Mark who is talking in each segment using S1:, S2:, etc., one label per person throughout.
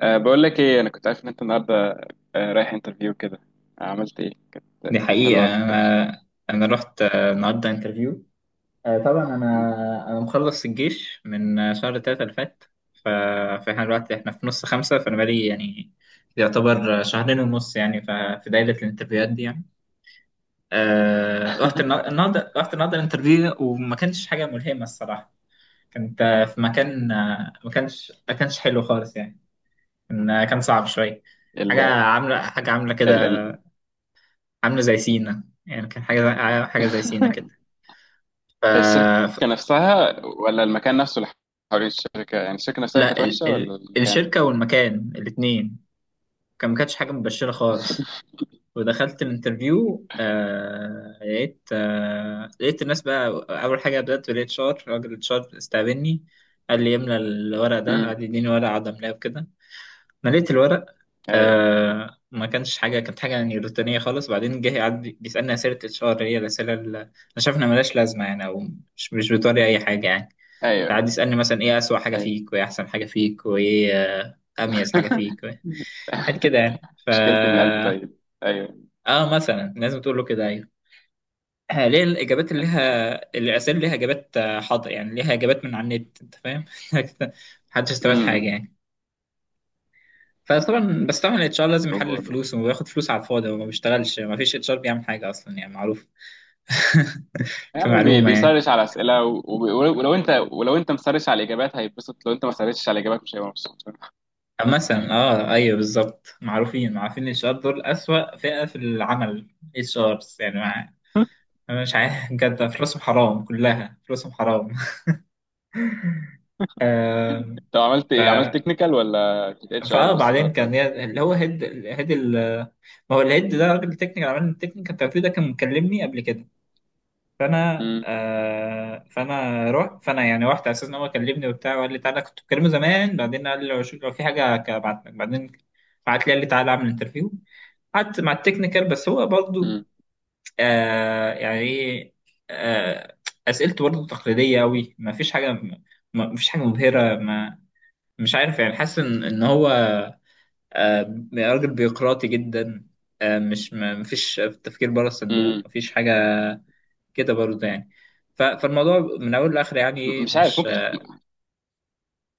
S1: بقول لك ايه، انا كنت عارف ان انت النهارده رايح انترفيو كده. عملت ايه؟ كانت
S2: دي
S1: حلوه
S2: حقيقة
S1: ولا كانت وحشة؟
S2: أنا رحت النهاردة انترفيو. طبعا أنا مخلص الجيش من شهر 3 اللي فات. ف- فإحنا دلوقتي إحنا في نص 5، فأنا بقالي يعني يعتبر شهرين ونص يعني في دايرة الانترفيوهات دي يعني. النهاردة رحت النهاردة الانترفيو، وما كانش حاجة ملهمة الصراحة. كنت في مكان، ما كانش حلو خالص يعني. كان كان صعب شوية، حاجة
S1: ال
S2: عاملة حاجة عاملة كده،
S1: ال
S2: عامله زي سينا يعني. كان حاجه زي سينا كده. ف...
S1: الشركه
S2: ف-
S1: نفسها ولا المكان نفسه اللي حوالين الشركه؟ يعني الشركه نفسها اللي
S2: لا،
S1: كانت وحشه ولا المكان؟
S2: الشركه والمكان الاثنين كان ما كانتش حاجه مبشره خالص. ودخلت الانترفيو لقيت لقيت الناس بقى. اول حاجه بدات بالاتش ار، راجل الاتش ار استقبلني، قال لي املى الورق ده،
S1: امم.
S2: قعد يديني ورقه اقعد املاه وكده. مليت الورق.
S1: ايوه
S2: آه، ما كانش حاجه، كانت حاجه يعني روتينيه خالص. بعدين جه يعدي بيسالني اسئله اتش ار، هي الاسئله اللي انا شايف انها ملهاش لازمه يعني، او مش بتوري اي حاجه يعني.
S1: ايوه
S2: تعدي يسالني مثلا ايه اسوأ حاجه
S1: ايوه
S2: فيك، وايه احسن حاجه فيك، وايه اميز حاجه فيك، و- حاجات كده يعني. ف
S1: مشكلتي ان قلبي طيب. ايوه.
S2: اه، مثلا لازم تقول له كده، ايوه، ليه الاجابات اللي لها، الاسئله ليها اجابات، حاضر يعني، ليها اجابات من على النت، انت فاهم. محدش استفاد حاجه
S1: امم.
S2: يعني. فطبعا، بس طبعا الاتش ار لازم يحلل
S1: هو ده.
S2: الفلوس وياخد فلوس على الفاضي. هو ما بيشتغلش، ما فيش اتش ار بيعمل حاجه اصلا يعني، معروف.
S1: يعني هو
S2: كمعلومه يعني.
S1: بيسرش على اسئله، ولو انت، ولو انت مسرش على الاجابات هيتبسط. لو انت ما سرشتش على الاجابات مش هيبقى مبسوط.
S2: أما مثلا اه ايوه بالظبط، معروفين الاتش ار دول اسوأ فئه في العمل، اتش ارز يعني. مع... انا مش عارف. بجد فلوسهم حرام، كلها فلوسهم حرام. آم،
S1: طب عملت
S2: ف
S1: ايه؟ عملت تكنيكال ولا كنت اتش ار
S2: فاه،
S1: بس
S2: بعدين
S1: النهارده
S2: كان
S1: ولا؟
S2: ليا- اللي هو هيد، ال-. ما هو الهيد ده راجل تكنيكال، عمل التكنيكال التوفيق ده كان مكلمني قبل كده. فانا
S1: امم
S2: آه فانا رحت، فانا يعني رحت على اساس ان هو كلمني وبتاع، وقال لي تعالى، كنت بكلمه زمان. بعدين قال لي لو شو- لو في حاجه هبعت لك بعدين. بعت لي، قال لي تعالى اعمل انترفيو. قعدت مع التكنيكال، بس هو برضه
S1: امم
S2: يعني ايه، آه اسئلته برضه تقليديه قوي، ما فيش حاجه، ما فيش حاجه مبهره. ما، مش عارف يعني، حاسس ان هو راجل بيقراطي جدا. مش، ما فيش تفكير بره الصندوق،
S1: امم
S2: ما فيش حاجه كده برضه يعني. فالموضوع من اول لاخر يعني ايه،
S1: مش عارف، ممكن تكون.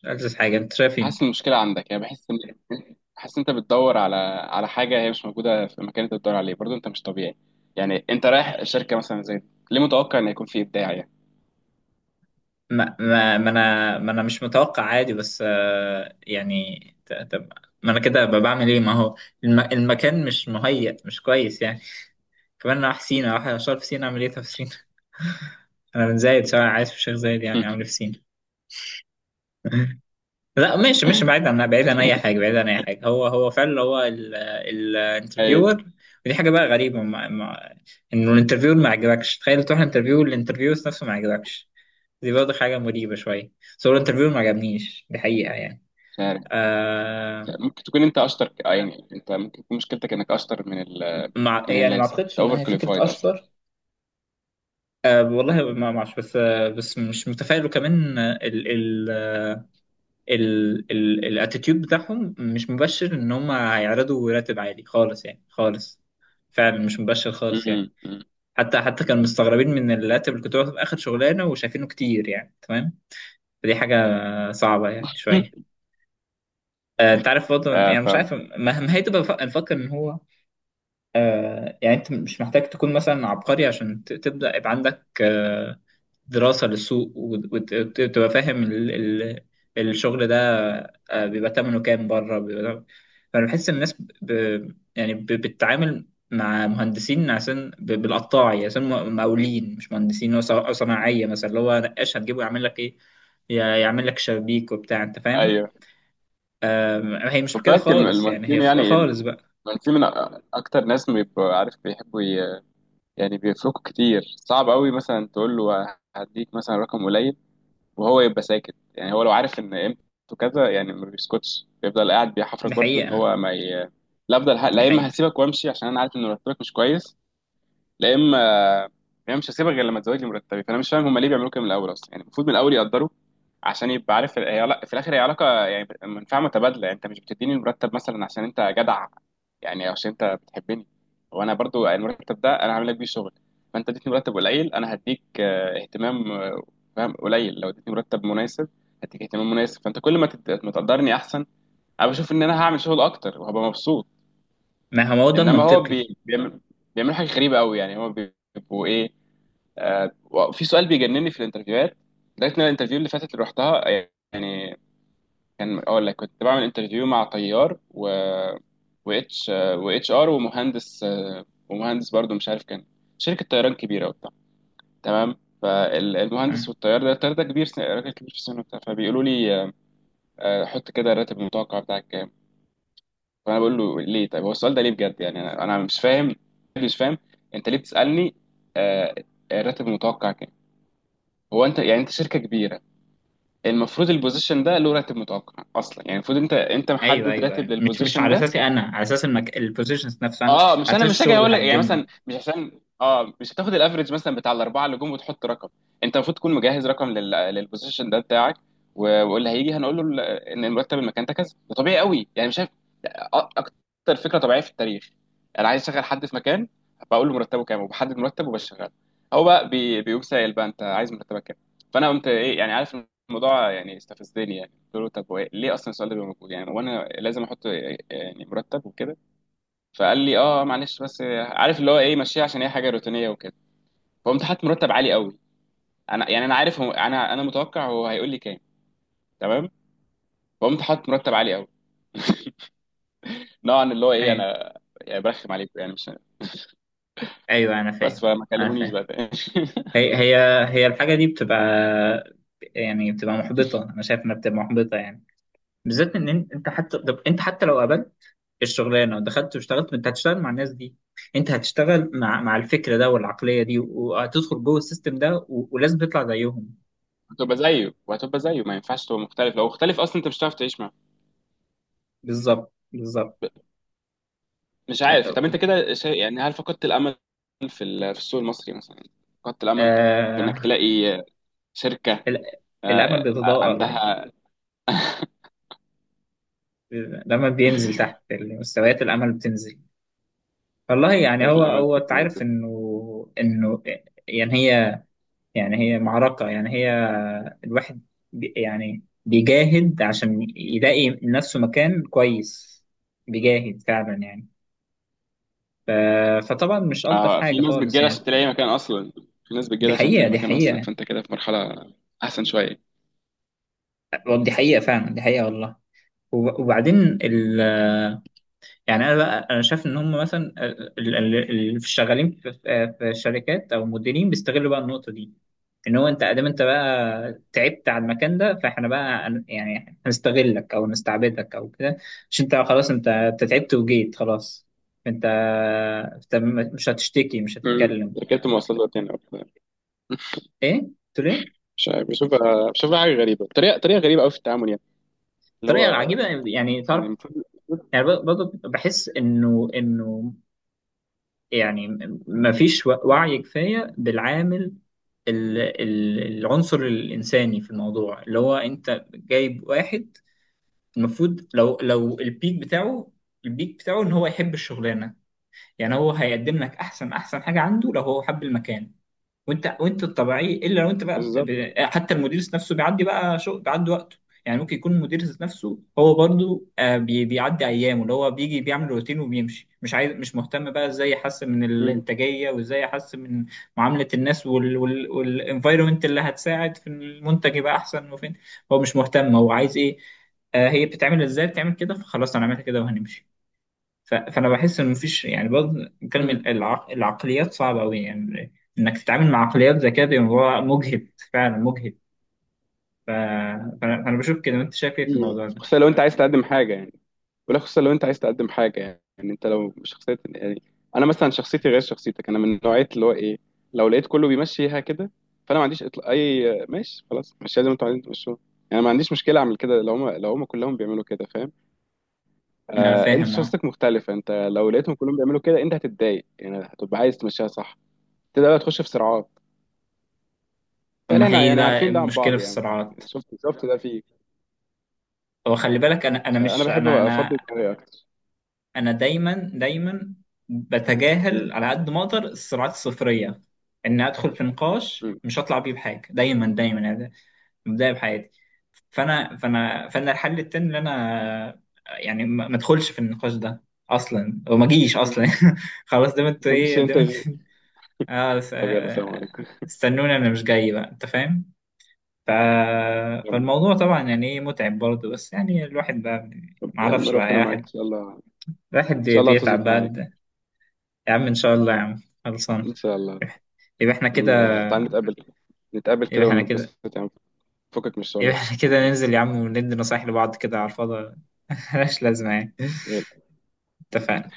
S2: مش ألذ حاجه. انت شايف
S1: حاسس
S2: ايه؟
S1: إن المشكله عندك؟ يعني بحس ان حاسس إن انت بتدور على على حاجه هي مش موجوده في المكان اللي انت بتدور عليه، برضه انت مش طبيعي. يعني انت رايح شركه مثلا زي دي، ليه متوقع ان هيكون في ابداع يعني؟
S2: ما, ما, ما انا ما انا مش متوقع عادي، بس يعني ت- طب ما انا كده أبقى بعمل ايه؟ ما هو الم المكان مش مهيأ، مش كويس يعني. كمان انا رايح سينا، رايح اشتغل في سينا، اعمل ايه طب في سينا؟ انا من زايد، سواء عايز في شيخ زايد، يعني اعمل إيه في سينا؟ لا، مش بعيد عن اي حاجه، بعيد عن اي حاجه، هو هو فعلا هو
S1: ايوه.
S2: الانترفيور. ودي حاجه بقى غريبه، مع انه الانترفيور ما عجبكش، تخيل تروح انترفيو الانترفيو نفسه ما عجبكش. دي برضه حاجه مريبه شويه، بس هو الانترفيو ما عجبنيش، دي حقيقه يعني.
S1: مش عارف،
S2: آه،
S1: ممكن تكون انت اشطر، يعني انت ممكن تكون مشكلتك انك اشطر من
S2: مع
S1: من
S2: يعني، ما
S1: اللازم،
S2: اعتقدش
S1: انت
S2: انها
S1: اوفر
S2: هي فكره
S1: كواليفايد اصلا.
S2: اشطر. آه والله، ما ما اعرفش، بس آه، بس مش متفائل، وكمان الاتيتيود بتاعهم مش مبشر ان هم هيعرضوا راتب عالي خالص يعني، خالص. فعلا مش مبشر خالص يعني.
S1: امم.
S2: حتى كانوا مستغربين من الراتب اللي كنت باخده في اخر شغلانه، وشايفينه كتير يعني. تمام، فدي حاجه صعبه يعني شويه. انت عارف برضه
S1: آه
S2: يعني، مش
S1: فاهم.
S2: عارف، ما ما هي تبقى بف- نفكر ان هو يعني انت مش محتاج تكون مثلا عبقري عشان ت- تبدا يبقى عندك دراسة للسوق، وتبقى فاهم الشغل ده، بيبقى تمنه كام بره، بيبقى... فأنا بحس الناس ب... ب- يعني ب... بتتعامل مع مهندسين، عشان ب... بالقطاعي، عشان م- مقاولين مش مهندسين. هو ص- أو صناعية مثلا، اللي هو نقاش هتجيبه يعمل لك إيه؟ ي- يعمل لك شبابيك وبتاع، أنت فاهم.
S1: ايوه.
S2: هي مش
S1: خد
S2: كده
S1: بالك،
S2: خالص يعني، هي
S1: المهندسين
S2: خ-
S1: يعني
S2: خالص بقى.
S1: المهندسين من اكتر ناس بيبقوا عارف بيحبوا يعني بيفرقوا كتير. صعب قوي مثلا تقول له هديك مثلا رقم قليل وهو يبقى ساكت. يعني هو لو عارف ان قيمته كذا يعني ما بيسكتش، بيفضل قاعد بيحفرك
S2: دي
S1: برضو ان
S2: حقيقة،
S1: هو ما ي... لا افضل
S2: دي
S1: لا، اما
S2: حقيقة.
S1: هسيبك وامشي عشان انا عارف ان مرتبك مش كويس. لا اما هي مش هسيبها غير لما تزودني مرتبي. فانا مش فاهم هم ليه بيعملوا كده من الاول اصلا. يعني المفروض من الاول يقدروا عشان يبقى عارف في الاخر هي علاقه، يعني منفعه متبادله. يعني انت مش بتديني المرتب مثلا عشان انت جدع يعني، أو عشان انت بتحبني. وانا برضو المرتب ده انا هعمل لك بيه شغل. فانت اديتني مرتب قليل، انا هديك اهتمام، فاهم، قليل. لو اديتني مرتب مناسب هديك اهتمام مناسب. فانت كل ما ما تقدرني احسن، انا بشوف ان انا هعمل شغل اكتر وهبقى مبسوط.
S2: ما هو ده
S1: انما هو
S2: المنطقي.
S1: بيعمل، بيعملوا حاجه غريبه قوي. يعني هو بيبقوا ايه؟ في سؤال بيجنني في الانترفيوهات. لقيت ان الانترفيو اللي فاتت اللي رحتها يعني، كان اقول لك، كنت بعمل انترفيو مع طيار و واتش واتش ار ومهندس، ومهندس برضو مش عارف، كان شركه طيران كبيره وبتاع، تمام. فالمهندس والطيار ده، الطيار ده كبير راجل كبير في السن وبتاع، فبيقولوا لي حط كده الراتب المتوقع بتاعك كام. فانا بقول له ليه؟ طيب هو السؤال ده ليه بجد يعني؟ أنا مش فاهم، مش فاهم. انت ليه بتسالني آه، الراتب المتوقع كام؟ هو انت يعني انت شركه كبيره، المفروض البوزيشن ده له راتب متوقع اصلا. يعني المفروض انت
S2: ايوه
S1: محدد
S2: ايوه
S1: راتب
S2: ايوه، مش
S1: للبوزيشن
S2: على
S1: ده.
S2: اساسي انا، على اساس المك... البوزيشنز نفسها انا،
S1: اه، مش
S2: على
S1: انا،
S2: اساس
S1: مش
S2: الشغل
S1: هاجي
S2: اللي
S1: اقول لك يعني
S2: هقدمه.
S1: مثلا مش عشان، اه، مش هتاخد الافريج مثلا بتاع الاربعه اللي جم وتحط رقم. انت المفروض تكون مجهز رقم للبوزيشن ده بتاعك. و- واللي هيجي هنقول له ان المرتب المكان ده كذا. ده طبيعي قوي يعني، مش اكتر فكره طبيعيه في التاريخ. انا عايز اشغل حد في مكان، بقول له مرتبه كام، وبحدد مرتبه وبشغله. هو بقى بيقوم سائل بقى انت عايز مرتبك كام. فانا قمت ايه يعني عارف، الموضوع يعني استفزني. يعني قلت له طب هو ليه اصلا السؤال ده بيبقى موجود يعني وانا لازم احط يعني مرتب وكده. فقال لي اه معلش بس، عارف اللي هو ايه ماشيه، عشان هي حاجه روتينيه وكده. فقمت حاطط مرتب عالي قوي. انا يعني انا عارف هو، انا متوقع هو هيقول لي كام، تمام. فقمت حاطط مرتب عالي قوي، نوعا اللي هو ايه
S2: ايوه
S1: انا يعني برخم عليكم يعني. مش
S2: ايوه، انا
S1: بس،
S2: فاهم،
S1: فما
S2: انا
S1: كلمونيش
S2: فاهم.
S1: بقى تاني.
S2: هي هي هي الحاجه دي بتبقى يعني بتبقى محبطه، انا شايف انها بتبقى محبطه يعني، بالذات انت حتى، طب انت حتى لو قابلت الشغلانه ودخلت واشتغلت، انت هتشتغل مع الناس دي، انت هتشتغل مع الفكر ده والعقليه دي، وهتدخل جوه السيستم ده، ولازم تطلع زيهم.
S1: هتبقى زيه وهتبقى زيه، ما ينفعش تبقى مختلف. لو مختلف اصلا انت مش هتعرف تعيش معاه.
S2: بالظبط، بالظبط.
S1: ب- مش عارف،
S2: آه...
S1: طب انت كده يعني هل فقدت الامل في في السوق المصري مثلا؟ فقدت الامل في انك
S2: آه...
S1: تلاقي شركه
S2: ال- الامل بيتضاءل،
S1: عندها؟
S2: لما بينزل تحت مستويات الامل بتنزل. والله يعني،
S1: فقدت
S2: هو
S1: الامل
S2: هو
S1: في
S2: انت عارف
S1: تنازل؟
S2: انه انه يعني هي، يعني هي معركه يعني، هي الواحد بي يعني بيجاهد عشان يلاقي لنفسه مكان كويس، بيجاهد فعلا يعني. فطبعا مش الطف
S1: اه، في
S2: حاجه
S1: ناس
S2: خالص
S1: بتجيلها
S2: يعني.
S1: عشان تلاقي مكان اصلا. في ناس
S2: دي
S1: بتجيلها عشان
S2: حقيقه،
S1: تلاقي
S2: دي
S1: مكان اصلا،
S2: حقيقه،
S1: فانت كده في مرحله احسن شويه.
S2: دي حقيقه فعلا، دي حقيقه والله. وبعدين يعني، انا بقى انا شايف ان هم مثلا اللي شغالين في الشركات او المديرين، بيستغلوا بقى النقطه دي، ان هو انت ادام، انت بقى تعبت على المكان ده، فاحنا بقى هن- يعني هنستغلك او نستعبدك او كده. مش انت خلاص، انت تعبت وجيت خلاص، انت انت م- مش هتشتكي مش
S1: مم.
S2: هتتكلم.
S1: ركبت مواصلات تاني أو كده.
S2: ايه قلت له ايه؟
S1: مش عارف، بشوفها حاجه غريبه، طريقه غريبه قوي في التعامل يعني. اللي
S2: طريقه
S1: هو
S2: عجيبه يعني
S1: يعني
S2: تعرف.
S1: المفروض،
S2: يعني ب- برضه بحس انه انه يعني مفيش وعي كفايه بالعامل، العنصر الإنساني في الموضوع، اللي هو أنت جايب واحد المفروض، لو البيك بتاعه، البيك بتاعه إن هو يحب الشغلانة. يعني هو هيقدم لك أحسن حاجة عنده لو هو حب المكان. وانت الطبيعي الا لو انت بقى بت...
S1: بالظبط.
S2: ب- حتى المدير ذات نفسه بيعدي بقى شو، بيعدي وقته يعني. ممكن يكون المدير ذات نفسه هو برضو بي... بيعدي ايامه، اللي هو بيجي بيعمل روتين وبيمشي، مش عايز مش مهتم بقى ازاي يحسن من الانتاجيه، وازاي يحسن من معامله الناس، والانفايرمنت اللي هتساعد في المنتج يبقى احسن. وفين هو، مش مهتم، هو عايز ايه؟ آه هي بتتعمل ازاي، بتعمل كده، فخلاص انا عملت كده وهنمشي. فانا بحس ان مفيش يعني برضه، نتكلم،
S1: مم.
S2: العقليات صعبه قوي يعني. انك تتعامل مع عقليات زي كده، بيبقى الموضوع مجهد فعلا، مجهد. ف- فانا فأنا بشوف كده، وانت شايف ايه في
S1: مم.
S2: الموضوع ده؟
S1: خصوصا لو انت عايز تقدم حاجه يعني. ولا خصوصا لو انت عايز تقدم حاجه يعني. يعني انت لو شخصيه يعني، انا مثلا شخصيتي غير شخصيتك. انا من نوعيه اللي هو ايه، لو لقيت كله بيمشيها كده فانا ما عنديش اطلاق، اي ماشي خلاص، ماشي زي ما انتوا عايزين تمشوها يعني. ما عنديش مشكله اعمل كده لو هم، لو هم كلهم بيعملوا كده، فاهم؟
S2: انا
S1: آه انت
S2: فاهم اه.
S1: شخصيتك مختلفه، انت لو لقيتهم كلهم بيعملوا كده انت هتتضايق يعني، هتبقى عايز تمشيها صح. تبدا بقى تخش في صراعات.
S2: طب
S1: تلاقي
S2: ما
S1: احنا
S2: هي
S1: يعني
S2: بقى
S1: عارفين ده عن
S2: المشكله
S1: بعض
S2: في
S1: يعني.
S2: الصراعات؟
S1: شفت ده فيك.
S2: هو خلي بالك، انا انا
S1: فانا
S2: مش
S1: بحب
S2: انا
S1: ابقى افضي
S2: انا
S1: دماغي اكتر.
S2: انا دايما دايما بتجاهل على قد ما اقدر الصراعات الصفريه، ان ادخل في نقاش مش هطلع بيه بحاجه دايما دايما يعني. بدايه بحياتي، فانا الحل التاني ان انا يعني ما ما ادخلش في النقاش ده اصلا، وما اجيش اصلا.
S1: مم.
S2: خلاص، دام انتوا
S1: ما جيش
S2: ايه، دام
S1: انترفيو.
S2: انتوا. اه س-
S1: طب يلا سلام عليكم.
S2: استنوني، انا مش جاي بقى، انت فاهم. ف... فالموضوع طبعا يعني ايه متعب برضه، بس يعني الواحد بقى
S1: طب
S2: ما
S1: يا عم
S2: اعرفش بقى يا
S1: ربنا معاك ان
S2: واحد.
S1: شاء الله. ان
S2: الواحد بي-
S1: شاء الله
S2: بيتعب
S1: هتظبط
S2: بقى
S1: معاك.
S2: ده. يا عم ان شاء الله، يا عم خلصان.
S1: ان شاء الله.
S2: يبقى احنا كده.
S1: تعال نتقابل، نتقابل كده
S2: يبقى احنا كده
S1: ونتبسط يعني، فكك من
S2: يبقى
S1: الشغل.
S2: احنا كده ننزل يا عم وندي نصايح لبعض كده على الفاضي. ملهاش لازمة يعني.
S1: يلا.
S2: اتفقنا.